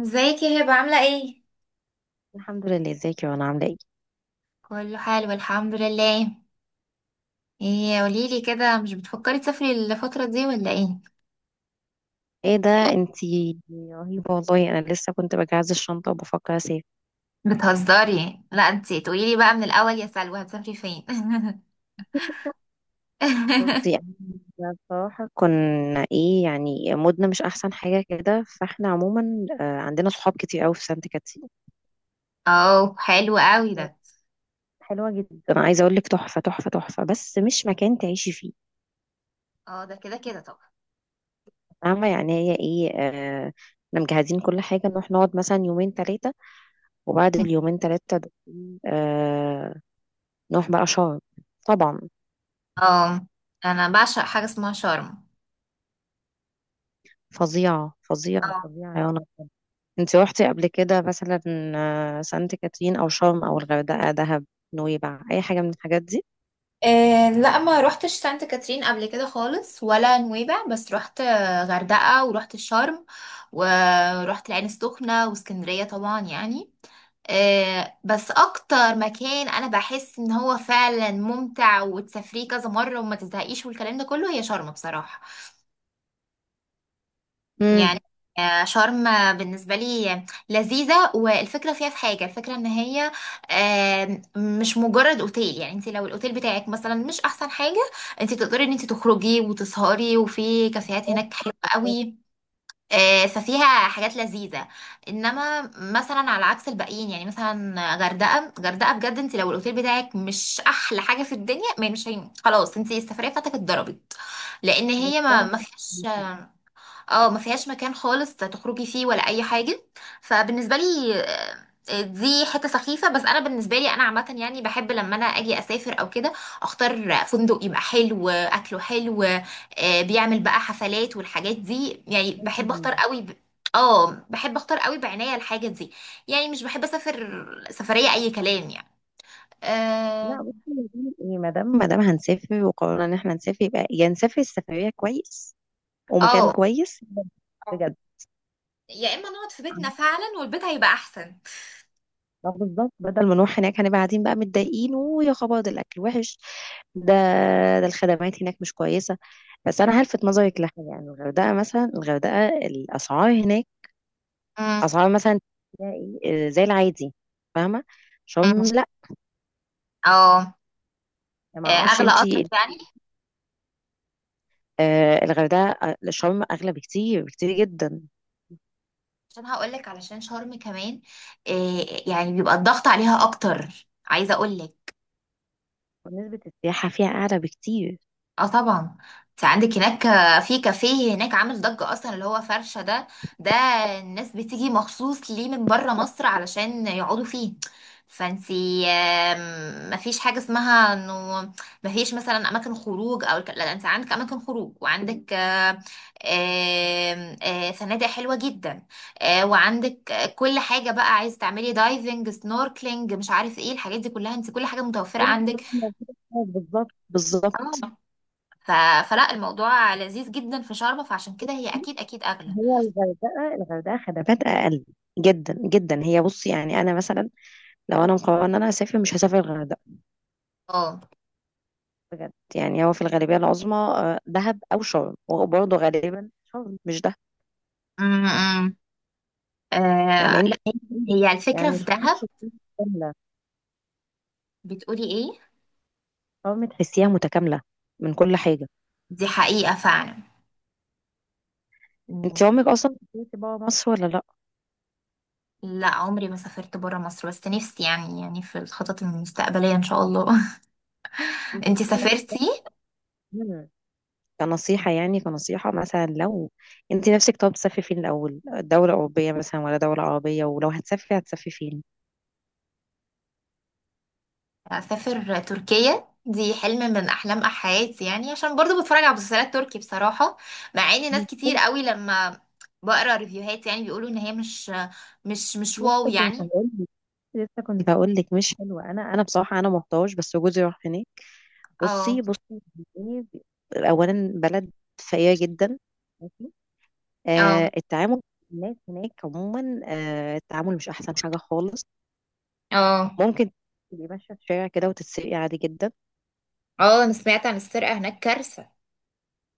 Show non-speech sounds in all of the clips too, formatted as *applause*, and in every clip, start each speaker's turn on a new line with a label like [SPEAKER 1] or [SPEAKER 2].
[SPEAKER 1] ازيك يا هبة عاملة ايه؟
[SPEAKER 2] الحمد لله، ازيك يا، وانا عامله ايه؟
[SPEAKER 1] كله حلو الحمد لله. ايه قوليلي كده، مش بتفكري تسافري الفترة دي ولا ايه؟
[SPEAKER 2] ايه ده! انتي رهيبه والله، انا لسه كنت بجهز الشنطه وبفكر اسافر.
[SPEAKER 1] بتهزري؟ لا انتي تقوليلي بقى من الأول، يا سلوى هتسافري فين؟ *laughs*
[SPEAKER 2] بصي، يعني، بصراحه كنا ايه يعني مودنا مش احسن حاجه كده، فاحنا عموما عندنا صحاب كتير قوي في سانت كاترين.
[SPEAKER 1] اه، حلو قوي ده.
[SPEAKER 2] حلوه جدا، انا عايزه اقول لك تحفه تحفه تحفه، بس مش مكان تعيشي فيه.
[SPEAKER 1] اه، ده كده كده طبعا.
[SPEAKER 2] فاهمه، يعني هي ايه. احنا مجهزين كل حاجه، نروح نقعد مثلا يومين ثلاثه، وبعد اليومين ثلاثه دول آه، نروح بقى شرم، طبعا.
[SPEAKER 1] اه، انا بعشق حاجة اسمها شرم.
[SPEAKER 2] فظيعة فظيعة
[SPEAKER 1] اه.
[SPEAKER 2] فظيعة يا رنا. انت روحتي قبل كده مثلا؟ سانت كاترين او شرم او الغردقة، دهب، نويبع، اي حاجة من الحاجات دي.
[SPEAKER 1] إيه، لا ما روحتش سانت كاترين قبل كده خالص ولا نويبع، بس روحت غردقة وروحت الشرم. ورحت العين السخنة واسكندرية طبعا يعني. بس اكتر مكان انا بحس ان هو فعلا ممتع وتسافريه كذا مره وما تزهقيش والكلام ده كله هي شرم بصراحه.
[SPEAKER 2] امم.
[SPEAKER 1] يعني شرم. بالنسبه لي لذيذه، والفكره فيها في حاجه، الفكره ان هي مش مجرد اوتيل. يعني انت لو الاوتيل بتاعك مثلا مش احسن حاجه، انت تقدري ان انت تخرجي وتسهري، وفي كافيهات هناك حلوه
[SPEAKER 2] بس
[SPEAKER 1] قوي. ففيها حاجات لذيذة. انما مثلا على عكس الباقيين، يعني مثلا غردقة غردقة بجد، انت لو الاوتيل بتاعك مش احلى حاجة في الدنيا، ما مش خلاص انت السفرية بتاعتك اتضربت. لان
[SPEAKER 2] بس
[SPEAKER 1] هي ما
[SPEAKER 2] انا
[SPEAKER 1] ما فيهاش.
[SPEAKER 2] حاسة-
[SPEAKER 1] اه، ما فيهاش مكان خالص تخرجي فيه ولا اي حاجه. فبالنسبه لي دي حته سخيفه، بس انا بالنسبه لي انا عامه يعني بحب لما انا اجي اسافر او كده اختار فندق يبقى حلو، اكله حلو، بيعمل بقى حفلات والحاجات دي. يعني بحب اختار قوي اه، بحب اختار قوي بعناية الحاجه دي. يعني مش بحب اسافر سفريه اي كلام يعني.
[SPEAKER 2] لا،
[SPEAKER 1] اه.
[SPEAKER 2] بصي، يا دي ايه، ما دام هنسافر وقررنا ان احنا نسافر، يبقى يا نسافر السفرية كويس ومكان
[SPEAKER 1] آه.
[SPEAKER 2] كويس
[SPEAKER 1] اه،
[SPEAKER 2] بجد.
[SPEAKER 1] يا اما نقعد في بيتنا فعلا والبيت هيبقى احسن.
[SPEAKER 2] ما بالظبط، بدل ما نروح هناك هنبقى قاعدين بقى متضايقين، ويا خبر ده الاكل وحش، ده ده الخدمات هناك مش كويسة. بس أنا هلفت نظرك لحاجة، يعني الغردقة مثلا، الغردقة الأسعار هناك،
[SPEAKER 1] مم.
[SPEAKER 2] أسعار مثلا تلاقي زي العادي. فاهمة؟ شرم لأ،
[SPEAKER 1] اه.
[SPEAKER 2] ما أعرفش
[SPEAKER 1] اغلى قطر
[SPEAKER 2] أنتي.
[SPEAKER 1] يعني.
[SPEAKER 2] الغردقة، شرم أغلى بكتير بكتير جدا.
[SPEAKER 1] عشان هقولك، علشان شرم كمان إيه، يعني بيبقى الضغط عليها اكتر، عايزه اقولك.
[SPEAKER 2] ونسبة السياحة فيها أعلى بكتير.
[SPEAKER 1] اه طبعا. انت عندك هناك في كافيه هناك عامل ضجة اصلا، اللي هو فرشة ده. ده الناس بتيجي مخصوص ليه من بره مصر علشان يقعدوا فيه. فانتي مفيش حاجة اسمها انه مفيش مثلا اماكن خروج او لا، انت عندك اماكن خروج وعندك آه، آم، آه، فنادق حلوة جدا. وعندك كل حاجة بقى، عايز تعملي دايفنج، سنوركلينج، مش عارف ايه الحاجات دي كلها، انت كل حاجة متوفرة عندك.
[SPEAKER 2] بالظبط، بالظبط.
[SPEAKER 1] اه. ف... فلا الموضوع لذيذ جدا في شرم، فعشان كده هي اكيد اكيد اغلى.
[SPEAKER 2] هي الغردقة خدمات أقل جدا جدا. هي بصي يعني، أنا مثلا لو أنا مقررة إن أنا أسافر، مش هسافر الغردقة
[SPEAKER 1] اه.
[SPEAKER 2] بجد. يعني هو في الغالبية العظمى دهب أو شرم، وبرضه غالبا شرم مش دهب.
[SPEAKER 1] امم. آه
[SPEAKER 2] فاهماني؟
[SPEAKER 1] لا، هي الفكرة
[SPEAKER 2] يعني
[SPEAKER 1] في
[SPEAKER 2] شرم
[SPEAKER 1] دهب.
[SPEAKER 2] تحسيها متكاملة.
[SPEAKER 1] بتقولي ايه؟
[SPEAKER 2] شرم تحسيها متكاملة من كل حاجة.
[SPEAKER 1] دي حقيقة فعلا.
[SPEAKER 2] انت
[SPEAKER 1] مم.
[SPEAKER 2] عمرك أصلا سافرتي برا مصر ولا لأ؟
[SPEAKER 1] لا، عمري ما سافرت برا مصر، بس نفسي يعني في الخطط المستقبلية ان شاء الله. *laughs* انتي
[SPEAKER 2] بصي.
[SPEAKER 1] سافرتي؟
[SPEAKER 2] مم. كنصيحة، يعني كنصيحة مثلا، لو انت نفسك طب تسافري فين الأول، دولة أوروبية مثلا ولا دولة عربية؟ ولو هتسافري فين؟
[SPEAKER 1] اسافر تركيا، دي حلم من احلام حياتي يعني، عشان برضو بتفرج على مسلسلات تركي بصراحة. مع ان ناس
[SPEAKER 2] مش
[SPEAKER 1] كتير
[SPEAKER 2] حلو.
[SPEAKER 1] قوي لما بقرا ريفيوهات يعني بيقولوا ان هي مش واو
[SPEAKER 2] لسه كنت
[SPEAKER 1] يعني.
[SPEAKER 2] هقول لك لسه كنت هقول لك مش حلوة. أنا بصراحة أنا محتاج، بس جوزي راح هناك. بصي،
[SPEAKER 1] اه،
[SPEAKER 2] بصي، إيه، اولا بلد فقيره جدا، ماشي.
[SPEAKER 1] اه.
[SPEAKER 2] التعامل مع الناس هناك عموما، التعامل مش احسن حاجه خالص.
[SPEAKER 1] اه،
[SPEAKER 2] ممكن تبقي ماشيه في الشارع كده وتتسرقي عادي جدا.
[SPEAKER 1] اه، انا سمعت عن السرقة هناك كارثة.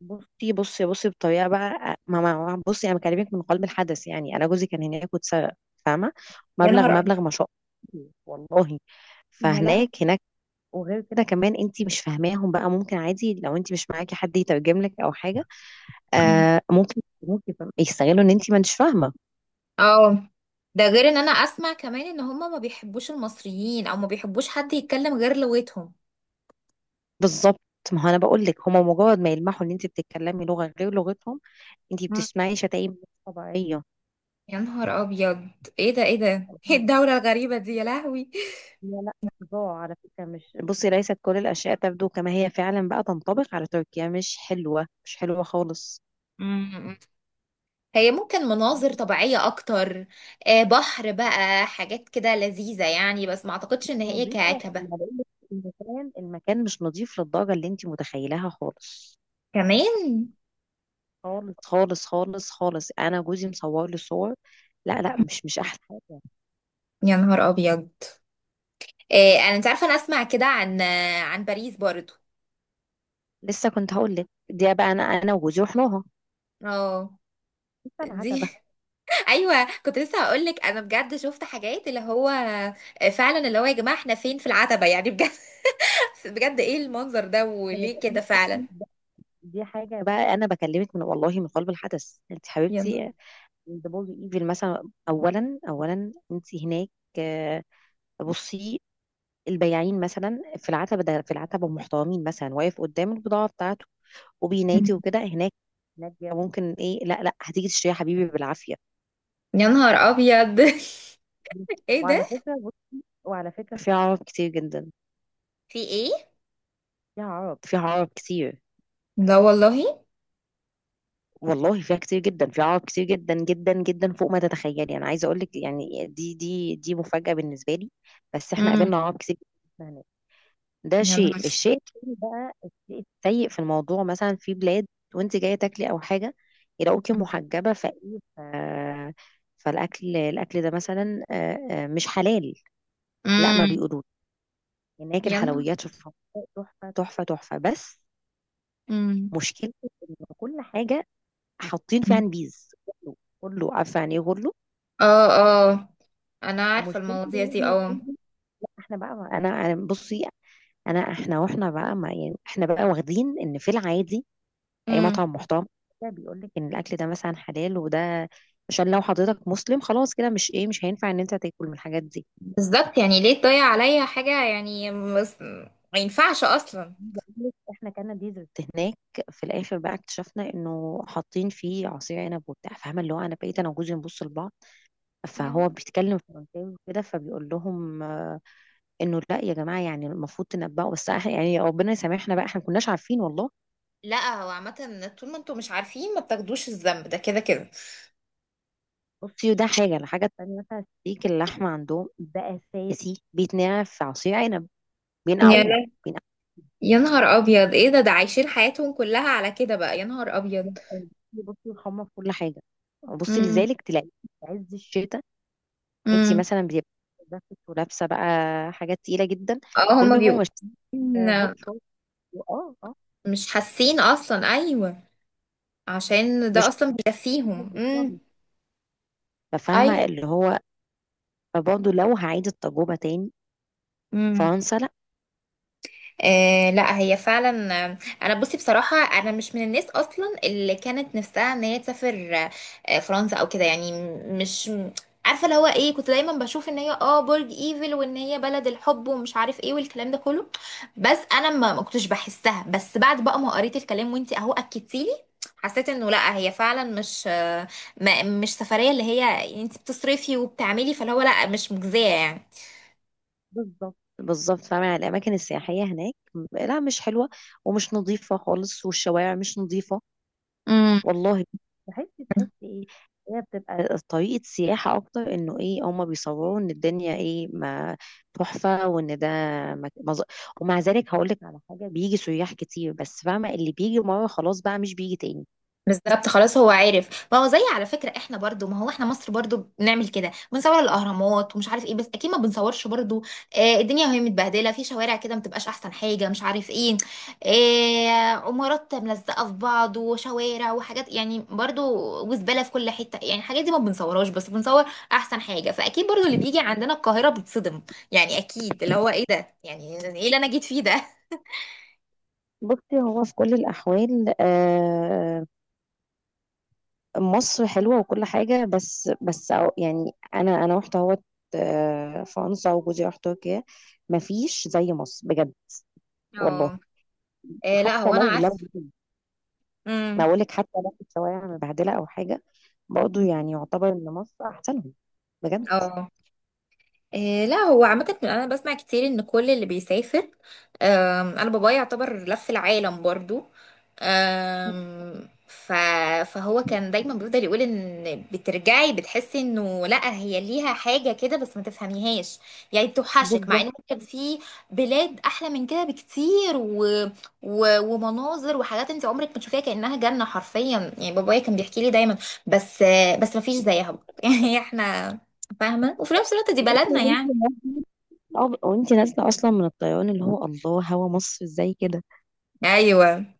[SPEAKER 2] بصي، بصي، بصي، بطريقه بقى، بصي انا بكلمك من قلب الحدث، يعني انا جوزي كان هناك واتسرق. فاهمه؟
[SPEAKER 1] يا
[SPEAKER 2] مبلغ،
[SPEAKER 1] نهار أبيض.
[SPEAKER 2] مبلغ ما شاء الله، والله.
[SPEAKER 1] يا لهوي.
[SPEAKER 2] فهناك. وغير كده كمان انت مش فاهماهم بقى، ممكن عادي لو انت مش معاكي حد يترجم لك او حاجه،
[SPEAKER 1] مم.
[SPEAKER 2] ممكن يستغلوا ان انت ما انتش فاهمه.
[SPEAKER 1] اه، ده غير ان انا اسمع كمان ان هما ما بيحبوش المصريين، او ما بيحبوش حد يتكلم غير لغتهم.
[SPEAKER 2] بالظبط. ما هو انا بقول لك، هما مجرد ما يلمحوا ان انت بتتكلمي لغه غير لغتهم، انت
[SPEAKER 1] مم.
[SPEAKER 2] بتسمعي شتايم مش طبيعيه.
[SPEAKER 1] يا نهار ابيض. ايه ده، ايه ده، ايه
[SPEAKER 2] *laughs*
[SPEAKER 1] الدولة الغريبة دي، يا لهوي.
[SPEAKER 2] لا، لا. صداع على فكره، مش بصي ليست كل الاشياء تبدو كما هي فعلا بقى تنطبق على تركيا، مش حلوه، مش حلوه خالص.
[SPEAKER 1] مم. هي ممكن مناظر
[SPEAKER 2] مش
[SPEAKER 1] طبيعية اكتر، بحر بقى، حاجات كده لذيذة يعني، بس ما اعتقدش ان هي
[SPEAKER 2] نظيفه، ما
[SPEAKER 1] كعكبة
[SPEAKER 2] بقولك، المكان مش نظيف للدرجه اللي انت متخيلها خالص،
[SPEAKER 1] كمان.
[SPEAKER 2] خالص، خالص، خالص، خالص. انا جوزي مصور لي صور. لا، لا، مش احلى حاجه.
[SPEAKER 1] يا نهار ابيض. إيه انا، انت عارفه انا اسمع كده عن عن باريس برضو.
[SPEAKER 2] لسه كنت هقول لك دي بقى، انا وجوزي رحناها.
[SPEAKER 1] اه،
[SPEAKER 2] لسه
[SPEAKER 1] دي.
[SPEAKER 2] العتبه.
[SPEAKER 1] *laughs* ايوه، كنت لسه هقول لك انا بجد شفت حاجات اللي هو فعلا اللي هو يا جماعه احنا فين؟ في العتبه، يعني بجد. *laughs* بجد، ايه المنظر ده، وليه كده فعلا.
[SPEAKER 2] دي حاجه بقى، انا بكلمك من، والله، من قلب الحدث انت
[SPEAKER 1] يلا.
[SPEAKER 2] حبيبتي. دبل ايفل مثلا، اولا انت هناك. آه، بصي، البياعين مثلا في العتبه، ده في العتبه محترمين مثلا، واقف قدام البضاعه بتاعته وبينادي وكده. هناك، هناك ممكن ايه، لا لا، هتيجي تشتريها حبيبي بالعافيه.
[SPEAKER 1] يا نهار ابيض. *laughs* ايه ده.
[SPEAKER 2] وعلى فكرة بص، وعلى فكرة في عرب كتير جدا.
[SPEAKER 1] في ايه؟
[SPEAKER 2] فيها عرب كتير،
[SPEAKER 1] لا والله.
[SPEAKER 2] والله فيها كتير جدا، فيها عوائق كتير جدا جدا جدا فوق ما تتخيلي. انا عايزه اقول لك يعني، دي مفاجاه بالنسبه لي، بس احنا
[SPEAKER 1] امم.
[SPEAKER 2] قابلنا عوائق كتير جدا هناك. ده
[SPEAKER 1] يا
[SPEAKER 2] شيء
[SPEAKER 1] نهار.
[SPEAKER 2] الشيء التاني بقى، الشيء السيء في الموضوع، مثلا في بلاد وانت جايه تاكلي او حاجه يلاقوكي محجبه فايه، ف... فالاكل الاكل ده مثلا مش حلال. لا، ما
[SPEAKER 1] امم.
[SPEAKER 2] بيقولوش. هناك
[SPEAKER 1] يا نهار.
[SPEAKER 2] الحلويات شوفها، تحفه تحفه تحفه، بس
[SPEAKER 1] امم.
[SPEAKER 2] مشكلة إن كل حاجة حاطين فيها نبيذ. غلو، غلو، عارفه يعني ايه غلو؟
[SPEAKER 1] اه، اه، انا عارفه
[SPEAKER 2] مشكلتي
[SPEAKER 1] المواضيع
[SPEAKER 2] ان
[SPEAKER 1] دي.
[SPEAKER 2] احنا،
[SPEAKER 1] اه.
[SPEAKER 2] لا احنا بقى، انا بصي، احنا بقى ما يعني، احنا بقى واخدين ان في العادي اي
[SPEAKER 1] امم.
[SPEAKER 2] مطعم محترم كده بيقول لك ان الاكل ده مثلا حلال وده، عشان لو حضرتك مسلم خلاص كده، مش هينفع ان انت تاكل من الحاجات دي.
[SPEAKER 1] بالظبط، يعني ليه تضيع عليا حاجة يعني ما ينفعش أصلا.
[SPEAKER 2] عايزة أقول لك احنا كان ديزرت هناك، في الاخر بقى اكتشفنا انه حاطين فيه عصير عنب وبتاع. فاهمه اللي هو، انا بقيت انا وجوزي نبص لبعض، فهو
[SPEAKER 1] يعني
[SPEAKER 2] بيتكلم فرنساوي وكده فبيقول لهم انه لا يا جماعه، يعني المفروض تنبهوا، بس احنا يعني ربنا يسامحنا بقى، احنا ما كناش عارفين والله.
[SPEAKER 1] لا، هو عامة طول ما انتوا مش عارفين ما بتاخدوش الذنب، ده كده كده.
[SPEAKER 2] بصي، ده حاجه الحاجه التانيه مثلا، ستيك اللحمه عندهم ده اساسي بيتنقع في عصير عنب.
[SPEAKER 1] يا
[SPEAKER 2] بينقعوه،
[SPEAKER 1] لا-
[SPEAKER 2] بينقعوه.
[SPEAKER 1] يا نهار أبيض، ايه ده، ده عايشين حياتهم كلها على كده بقى؟ يا نهار أبيض.
[SPEAKER 2] بصي يحمر كل حاجه، وبصي
[SPEAKER 1] امم.
[SPEAKER 2] لذلك تلاقي في عز الشتاء انت
[SPEAKER 1] امم.
[SPEAKER 2] مثلا بتبقي جاكيت ولابسه بقى حاجات تقيله جدا،
[SPEAKER 1] اه،
[SPEAKER 2] دول
[SPEAKER 1] هما بيبقوا
[SPEAKER 2] بيبقوا مش هوت
[SPEAKER 1] إن-
[SPEAKER 2] شوت. اه، اه.
[SPEAKER 1] مش حاسين أصلا. أيوه، عشان ده
[SPEAKER 2] مش.
[SPEAKER 1] أصلا بيكفيهم. امم.
[SPEAKER 2] *laughs* فاهمه اللي هو، برضه لو هعيد التجربه تاني،
[SPEAKER 1] أيوه.
[SPEAKER 2] فرنسا لا.
[SPEAKER 1] آه لا، هي فعلا انا بصي بصراحه انا مش من الناس اصلا اللي كانت نفسها ان هي تسافر فرنسا او كده يعني م- مش م- عارفه اللي هو ايه، كنت دايما بشوف ان هي برج ايفل وان هي بلد الحب ومش عارف ايه والكلام ده كله. بس انا ما كنتش بحسها، بس بعد بقى ما قريت الكلام وانتي اهو اكدتيلي حسيت انه لا، هي فعلا مش آه، ما مش سفريه اللي هي انتي بتصرفي وبتعملي، فاللي هو لا مش مجزيه يعني.
[SPEAKER 2] بالظبط، بالظبط. فاهمة، يعني الأماكن السياحية هناك لا، مش حلوة، ومش نظيفة خالص، والشوارع مش نظيفة
[SPEAKER 1] امم.
[SPEAKER 2] والله. بحس ايه، هي بتبقى طريقة سياحة أكتر، إنه ايه، هما بيصوروا إن الدنيا ايه ما تحفة، وإن ده مك... مز... ومع ذلك هقولك على حاجة، بيجي سياح كتير، بس فاهمة اللي بيجي مرة خلاص بقى مش بيجي تاني.
[SPEAKER 1] بالظبط. خلاص هو عارف، ما هو زي، على فكرة احنا برضو، ما هو احنا مصر برضو بنعمل كده، بنصور الاهرامات ومش عارف ايه، بس اكيد ما بنصورش برضو الدنيا وهي متبهدلة في شوارع كده ما بتبقاش احسن حاجة مش عارف ايه، عمارات ملزقة في بعض وشوارع وحاجات يعني برضو، وزبالة في كل حتة، يعني الحاجات دي ما بنصورهاش، بس بنصور احسن حاجة. فاكيد برضو اللي بيجي عندنا القاهرة بيتصدم، يعني اكيد اللي هو ايه ده، يعني ايه اللي انا جيت فيه ده.
[SPEAKER 2] بصي هو في كل الأحوال مصر حلوة وكل حاجة، بس يعني أنا رحت أهوت فرنسا، وجوزي راح تركيا. مفيش زي مصر بجد، والله.
[SPEAKER 1] اه. آه لا،
[SPEAKER 2] حتى
[SPEAKER 1] هو انا
[SPEAKER 2] لو
[SPEAKER 1] عارفة.
[SPEAKER 2] ما
[SPEAKER 1] امم.
[SPEAKER 2] أقولك، حتى لو الشوارع مبهدلة أو حاجة، برضه يعني يعتبر إن مصر أحسنهم بجد.
[SPEAKER 1] اه. إيه لا، هو عامة أنا بسمع كتير إن كل اللي بيسافر أنا بابايا يعتبر لف العالم برضو. آم، ف فهو كان دايما بيفضل يقول إن بترجعي بتحسي إنه لأ، هي ليها حاجة كده بس ما تفهميهاش. يعني بتوحشك، مع
[SPEAKER 2] بالظبط.
[SPEAKER 1] إن ممكن في بلاد أحلى من كده بكتير ومناظر وحاجات أنت عمرك ما تشوفيها، كأنها جنة حرفيا. يعني بابايا كان بيحكي لي دايما، بس بس ما فيش زيها. *laughs* يعني إحنا فاهمة، وفي نفس الوقت دي
[SPEAKER 2] *laughs*
[SPEAKER 1] بلدنا
[SPEAKER 2] وانت
[SPEAKER 1] يعني.
[SPEAKER 2] نازله. وانت نازله اصلا من الطيران اللي هو، الله، هوا مصر ازاي كده.
[SPEAKER 1] ايوه،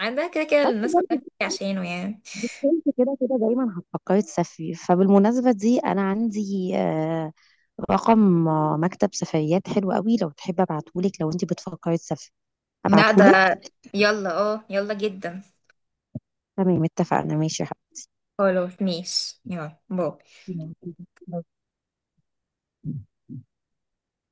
[SPEAKER 1] عندها كده كده
[SPEAKER 2] بس
[SPEAKER 1] الناس كلها
[SPEAKER 2] برضه،
[SPEAKER 1] بتيجي عشانه يعني.
[SPEAKER 2] انت كده كده دايما هتفكري تسافري، فبالمناسبه دي انا عندي رقم مكتب سفريات حلو قوي، لو تحب ابعتهولك، لو انت بتفكري تسافري
[SPEAKER 1] لا ده،
[SPEAKER 2] ابعتهولك.
[SPEAKER 1] يلا اه يلا جدا.
[SPEAKER 2] تمام، اتفقنا، ماشي يا
[SPEAKER 1] خلاص ماشي، يلا باي.
[SPEAKER 2] حبيبي.